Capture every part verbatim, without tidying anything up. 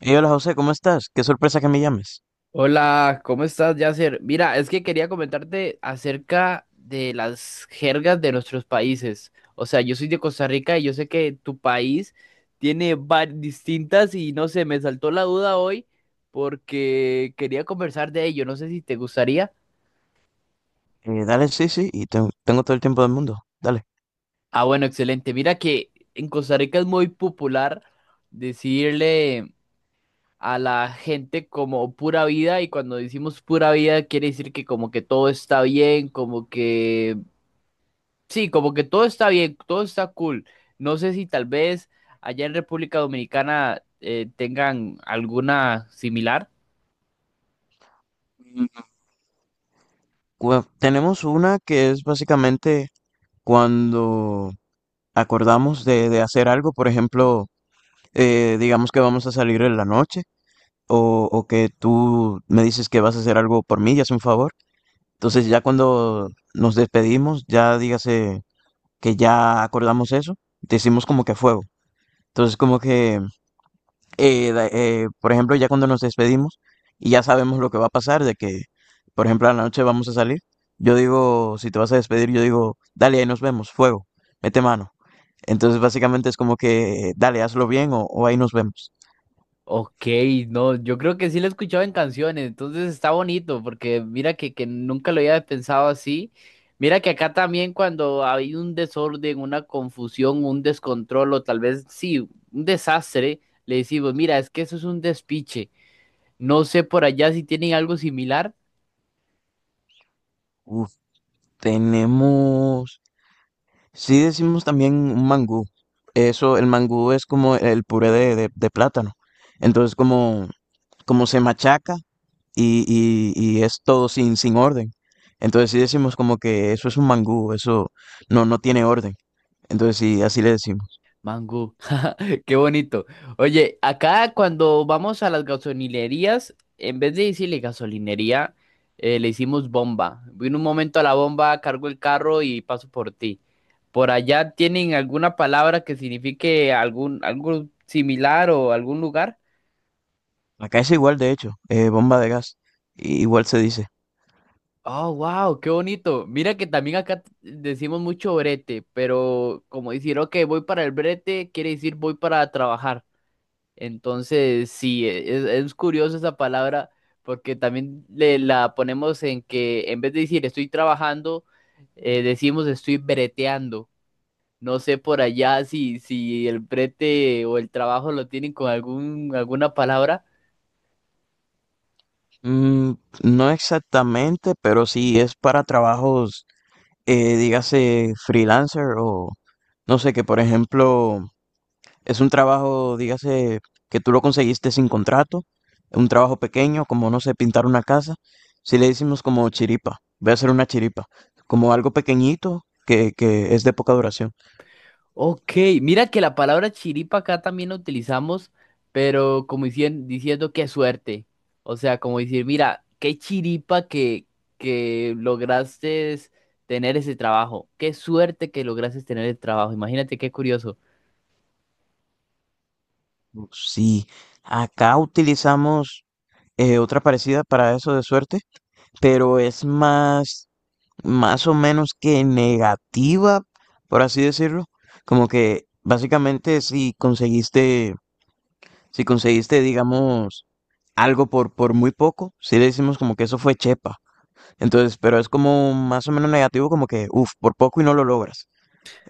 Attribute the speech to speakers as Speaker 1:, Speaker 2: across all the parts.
Speaker 1: Hey, hola José, ¿cómo estás? Qué sorpresa que me llames.
Speaker 2: Hola, ¿cómo estás, Yasser? Mira, es que quería comentarte acerca de las jergas de nuestros países. O sea, yo soy de Costa Rica y yo sé que tu país tiene varias distintas y no sé, me saltó la duda hoy porque quería conversar de ello. No sé si te gustaría.
Speaker 1: Eh, dale, sí, sí, y ten- tengo todo el tiempo del mundo. Dale.
Speaker 2: Ah, bueno, excelente. Mira que en Costa Rica es muy popular decirle a la gente como pura vida y cuando decimos pura vida quiere decir que como que todo está bien, como que sí, como que todo está bien, todo está cool. No sé si tal vez allá en República Dominicana eh, tengan alguna similar.
Speaker 1: Y cua- tenemos una que es básicamente cuando acordamos de, de hacer algo, por ejemplo, eh, digamos que vamos a salir en la noche o, o que tú me dices que vas a hacer algo por mí y es un favor. Entonces ya cuando nos despedimos, ya dígase que ya acordamos eso, decimos como que a fuego. Entonces como que eh, da- eh, por ejemplo, ya cuando nos despedimos y ya sabemos lo que va a pasar, de que, por ejemplo, a la noche vamos a salir, yo digo, si te vas a despedir, yo digo, dale, ahí nos vemos, fuego, mete mano. Entonces, básicamente es como que, dale, hazlo bien o, o ahí nos vemos.
Speaker 2: Ok, no, yo creo que sí lo he escuchado en canciones, entonces está bonito, porque mira que, que nunca lo había pensado así. Mira que acá también cuando hay un desorden, una confusión, un descontrol, o tal vez sí, un desastre, le decimos, mira, es que eso es un despiche. No sé por allá si tienen algo similar.
Speaker 1: Uf, tenemos, sí decimos también un mangú. Eso, el mangú es como el puré de, de- de plátano. Entonces, como, como se machaca y, y, y es todo sin, sin orden. Entonces, si decimos como que eso es un mangú, eso no, no tiene orden. Entonces, sí, así le decimos.
Speaker 2: Mango, qué bonito. Oye, acá cuando vamos a las gasolinerías, en vez de decirle gasolinería, eh, le hicimos bomba. Voy en un momento a la bomba, cargo el carro y paso por ti. ¿Por allá tienen alguna palabra que signifique algún, algo similar o algún lugar?
Speaker 1: Acá es igual, de hecho, eh, bomba de gas, i- igual se dice.
Speaker 2: Oh, wow, qué bonito. Mira que también acá t- decimos mucho brete, pero como decir, ok, voy para el brete, quiere decir voy para trabajar. Entonces, sí, e, es, es curioso esa palabra porque también le, la ponemos en que en vez de decir estoy trabajando, eh, decimos estoy breteando. No sé por allá si, si el brete o el trabajo lo tienen con algún, alguna palabra.
Speaker 1: Mm, no exactamente, pero sí es para trabajos. Eh, dígase freelancer o no sé, que por ejemplo es un trabajo, dígase, que tú lo conseguiste sin contrato, un trabajo pequeño, como no sé, pintar una casa, si le decimos como chiripa, voy a hacer una chiripa, como algo pequeñito que, que es de poca duración.
Speaker 2: Ok, mira que la palabra chiripa acá también la utilizamos, pero como dicien- diciendo qué suerte. O sea, como decir, mira, qué chiripa que, que lograste tener ese trabajo. Qué suerte que lograste tener el trabajo. Imagínate qué curioso.
Speaker 1: Mm, sí, acá utilizamos eh, otra parecida para eso de suerte, pero es más... más o menos que negativa, por así decirlo. Como que básicamente si conseguiste, si conseguiste, digamos, algo por, por muy poco, si le decimos como que eso fue chepa. Entonces, pero es como más o menos negativo, como que, uff, por poco y no lo logras.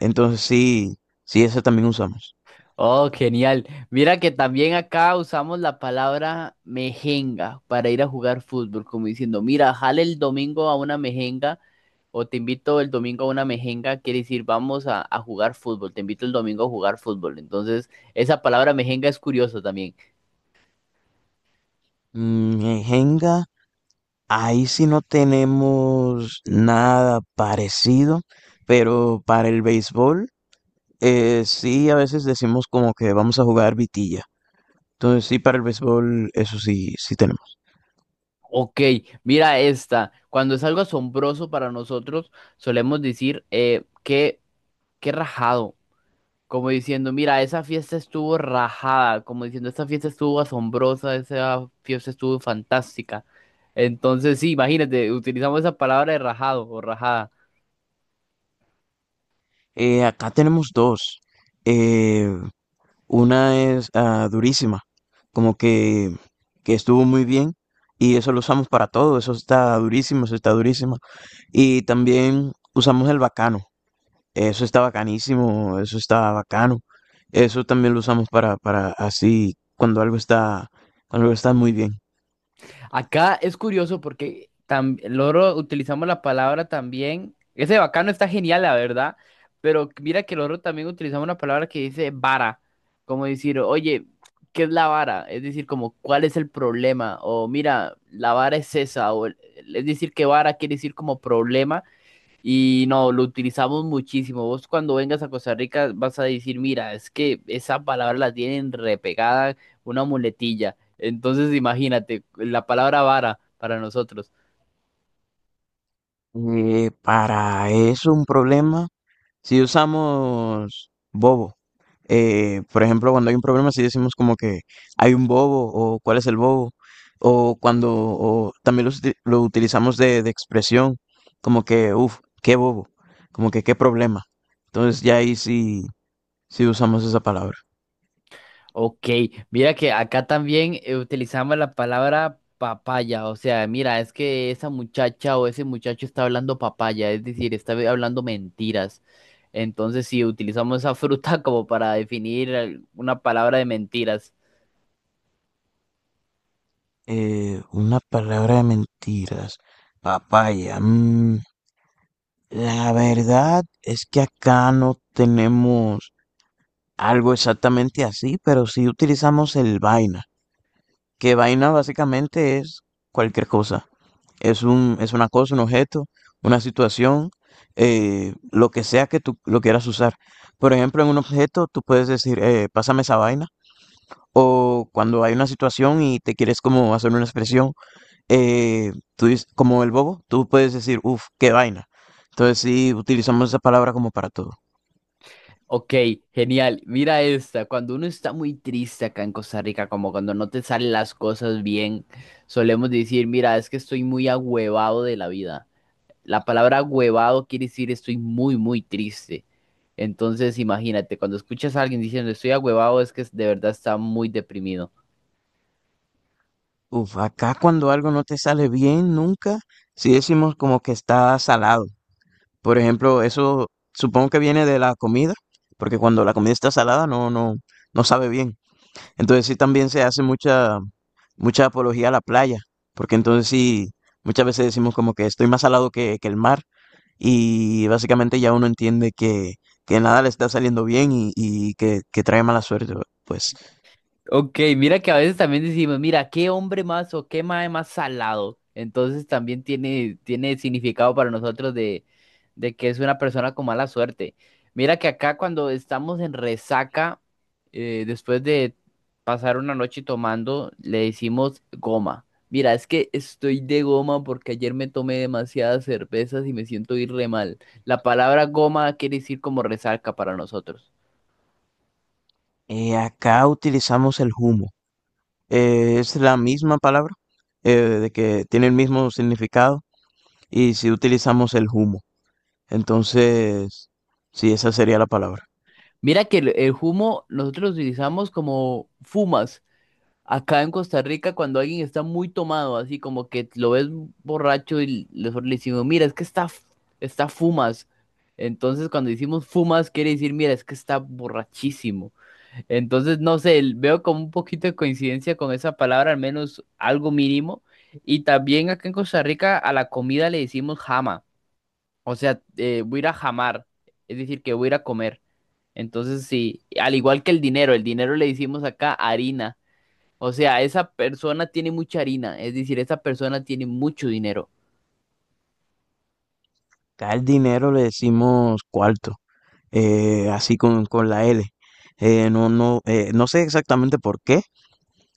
Speaker 1: Entonces sí, sí, ese también usamos.
Speaker 2: Oh, genial. Mira que también acá usamos la palabra mejenga para ir a jugar fútbol, como diciendo, mira, jale el domingo a una mejenga. O te invito el domingo a una mejenga, quiere decir vamos a, a jugar fútbol. Te invito el domingo a jugar fútbol. Entonces, esa palabra mejenga es curiosa también.
Speaker 1: Mm, en Jenga, ahí sí no tenemos nada parecido, pero para el béisbol, eh, sí a veces decimos como que vamos a jugar vitilla. Entonces sí, para el béisbol, eso sí, sí tenemos.
Speaker 2: Ok, mira esta. Cuando es algo asombroso para nosotros, solemos decir eh, qué, qué rajado. Como diciendo, mira, esa fiesta estuvo rajada. Como diciendo, esta fiesta estuvo asombrosa, esa fiesta estuvo fantástica. Entonces, sí, imagínate, utilizamos esa palabra de rajado o rajada.
Speaker 1: Eh, acá tenemos dos. Eh, Una es ah, durísima, como que, que estuvo muy bien y eso lo usamos para todo, eso está durísimo, eso está durísimo. Y también usamos el bacano, eso está bacanísimo, eso está bacano. Eso también lo usamos para, para así, cuando algo está, cuando algo está muy bien.
Speaker 2: Acá es curioso porque tam- loro utilizamos la palabra también. Ese bacano está genial, la verdad. Pero mira que loro también utilizamos una palabra que dice vara. Como decir, oye, ¿qué es la vara? Es decir, como, ¿cuál es el problema? O mira, la vara es esa. O, el- es decir, que vara quiere decir como problema. Y no, lo utilizamos muchísimo. Vos cuando vengas a Costa Rica vas a decir, mira, es que esa palabra la tienen repegada, una muletilla. Entonces imagínate, la palabra vara para nosotros.
Speaker 1: Eh, para eso un problema. Si usamos bobo, eh, por ejemplo, cuando hay un problema, si decimos como que hay un bobo o cuál es el bobo, o cuando o también lo, uti- lo utilizamos de, de expresión, como que, uff, qué bobo, como que qué problema. Entonces ya ahí sí, sí usamos esa palabra.
Speaker 2: Ok, mira que acá también eh, utilizamos la palabra papaya. O sea, mira, es que esa muchacha o ese muchacho está hablando papaya, es decir, está hablando mentiras. Entonces sí, utilizamos esa fruta como para definir eh, una palabra de mentiras.
Speaker 1: Eh, una palabra de mentiras, papaya. Mm, la verdad es que acá no tenemos algo exactamente así, pero sí utilizamos el vaina. Que vaina básicamente es cualquier cosa. Es un, es una cosa, un objeto, una situación, eh, lo que sea que tú lo quieras usar. Por ejemplo, en un objeto tú puedes decir, eh, pásame esa vaina. O cuando hay una situación y te quieres como hacer una expresión, eh, tú dices, como el bobo, tú puedes decir, uff, qué vaina. Entonces sí, utilizamos esa palabra como para todo.
Speaker 2: Ok, genial. Mira esta. Cuando uno está muy triste acá en Costa Rica, como cuando no te salen las cosas bien, solemos decir, mira, es que estoy muy agüevado de la vida. La palabra agüevado quiere decir estoy muy, muy triste. Entonces, imagínate, cuando escuchas a alguien diciendo estoy agüevado, es que de verdad está muy deprimido.
Speaker 1: Uf, acá cuando algo no te sale bien nunca, sí decimos como que está salado. Por ejemplo, eso supongo que viene de la comida, porque cuando la comida está salada no, no, no sabe bien. Entonces sí también se hace mucha, mucha apología a la playa, porque entonces sí, muchas veces decimos como que estoy más salado que, que el mar y básicamente ya uno entiende que, que nada le está saliendo bien y, y que, que trae mala suerte. Pues
Speaker 2: Ok, mira que a veces también decimos, mira, qué hombre más o qué mae más salado. Entonces también tiene, tiene significado para nosotros de, de que es una persona con mala suerte. Mira que acá cuando estamos en resaca, eh, después de pasar una noche tomando, le decimos goma. Mira, es que estoy de goma porque ayer me tomé demasiadas cervezas y me siento ir re mal. La palabra goma quiere decir como resaca para nosotros.
Speaker 1: eh, acá utilizamos el humo. Eh, es la misma palabra, eh, de que tiene el mismo significado y si utilizamos el humo. Entonces, sí, esa sería la palabra.
Speaker 2: Mira que el, el humo nosotros lo utilizamos como fumas acá en Costa Rica cuando alguien está muy tomado, así como que lo ves borracho y le, le decimos, mira, es que está, f- está fumas. Entonces cuando decimos fumas quiere decir, mira, es que está borrachísimo. Entonces, no sé, el- veo como un poquito de coincidencia con esa palabra, al menos algo mínimo. Y también acá en Costa Rica a la comida le decimos jama, o sea, eh, voy a ir a jamar, es decir, que voy a ir a comer. Entonces, sí, al igual que el dinero, el dinero le decimos acá harina. O sea, esa persona tiene mucha harina, es decir, esa persona tiene mucho dinero.
Speaker 1: Acá el dinero le decimos cuarto, eh, así con, con la L. Eh, no, no, eh, no sé exactamente por qué,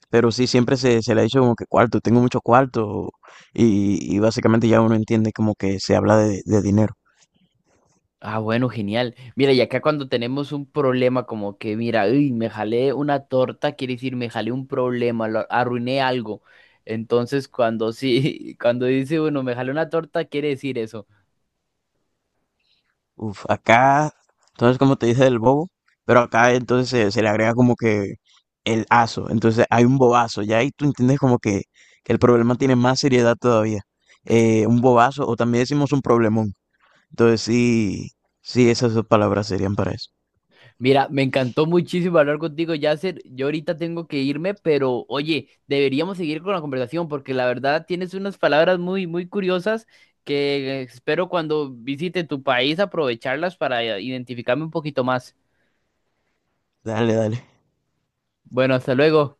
Speaker 1: pero sí siempre se, se le ha dicho como que cuarto, tengo mucho cuarto, y, y básicamente ya uno entiende como que se habla de, de dinero.
Speaker 2: Ah, bueno, genial. Mira, y acá cuando tenemos un problema como que, mira, uy, me jalé una torta, quiere decir, me jalé un problema, lo- arruiné algo. Entonces, cuando sí, cuando dice, bueno, me jalé una torta, quiere decir eso.
Speaker 1: Uf, acá, entonces como te dije del bobo, pero acá entonces se, se le agrega como que el aso, entonces hay un bobazo, ya ahí tú entiendes como que, que el problema tiene más seriedad todavía. Eh, un bobazo, o también decimos un problemón, entonces sí, sí, esas dos palabras serían para eso.
Speaker 2: Mira, me encantó muchísimo hablar contigo, Yasser. Yo ahorita tengo que irme, pero oye, deberíamos seguir con la conversación porque la verdad tienes unas palabras muy, muy curiosas que espero cuando visite tu país aprovecharlas para identificarme un poquito más.
Speaker 1: Dale, dale.
Speaker 2: Bueno, hasta luego.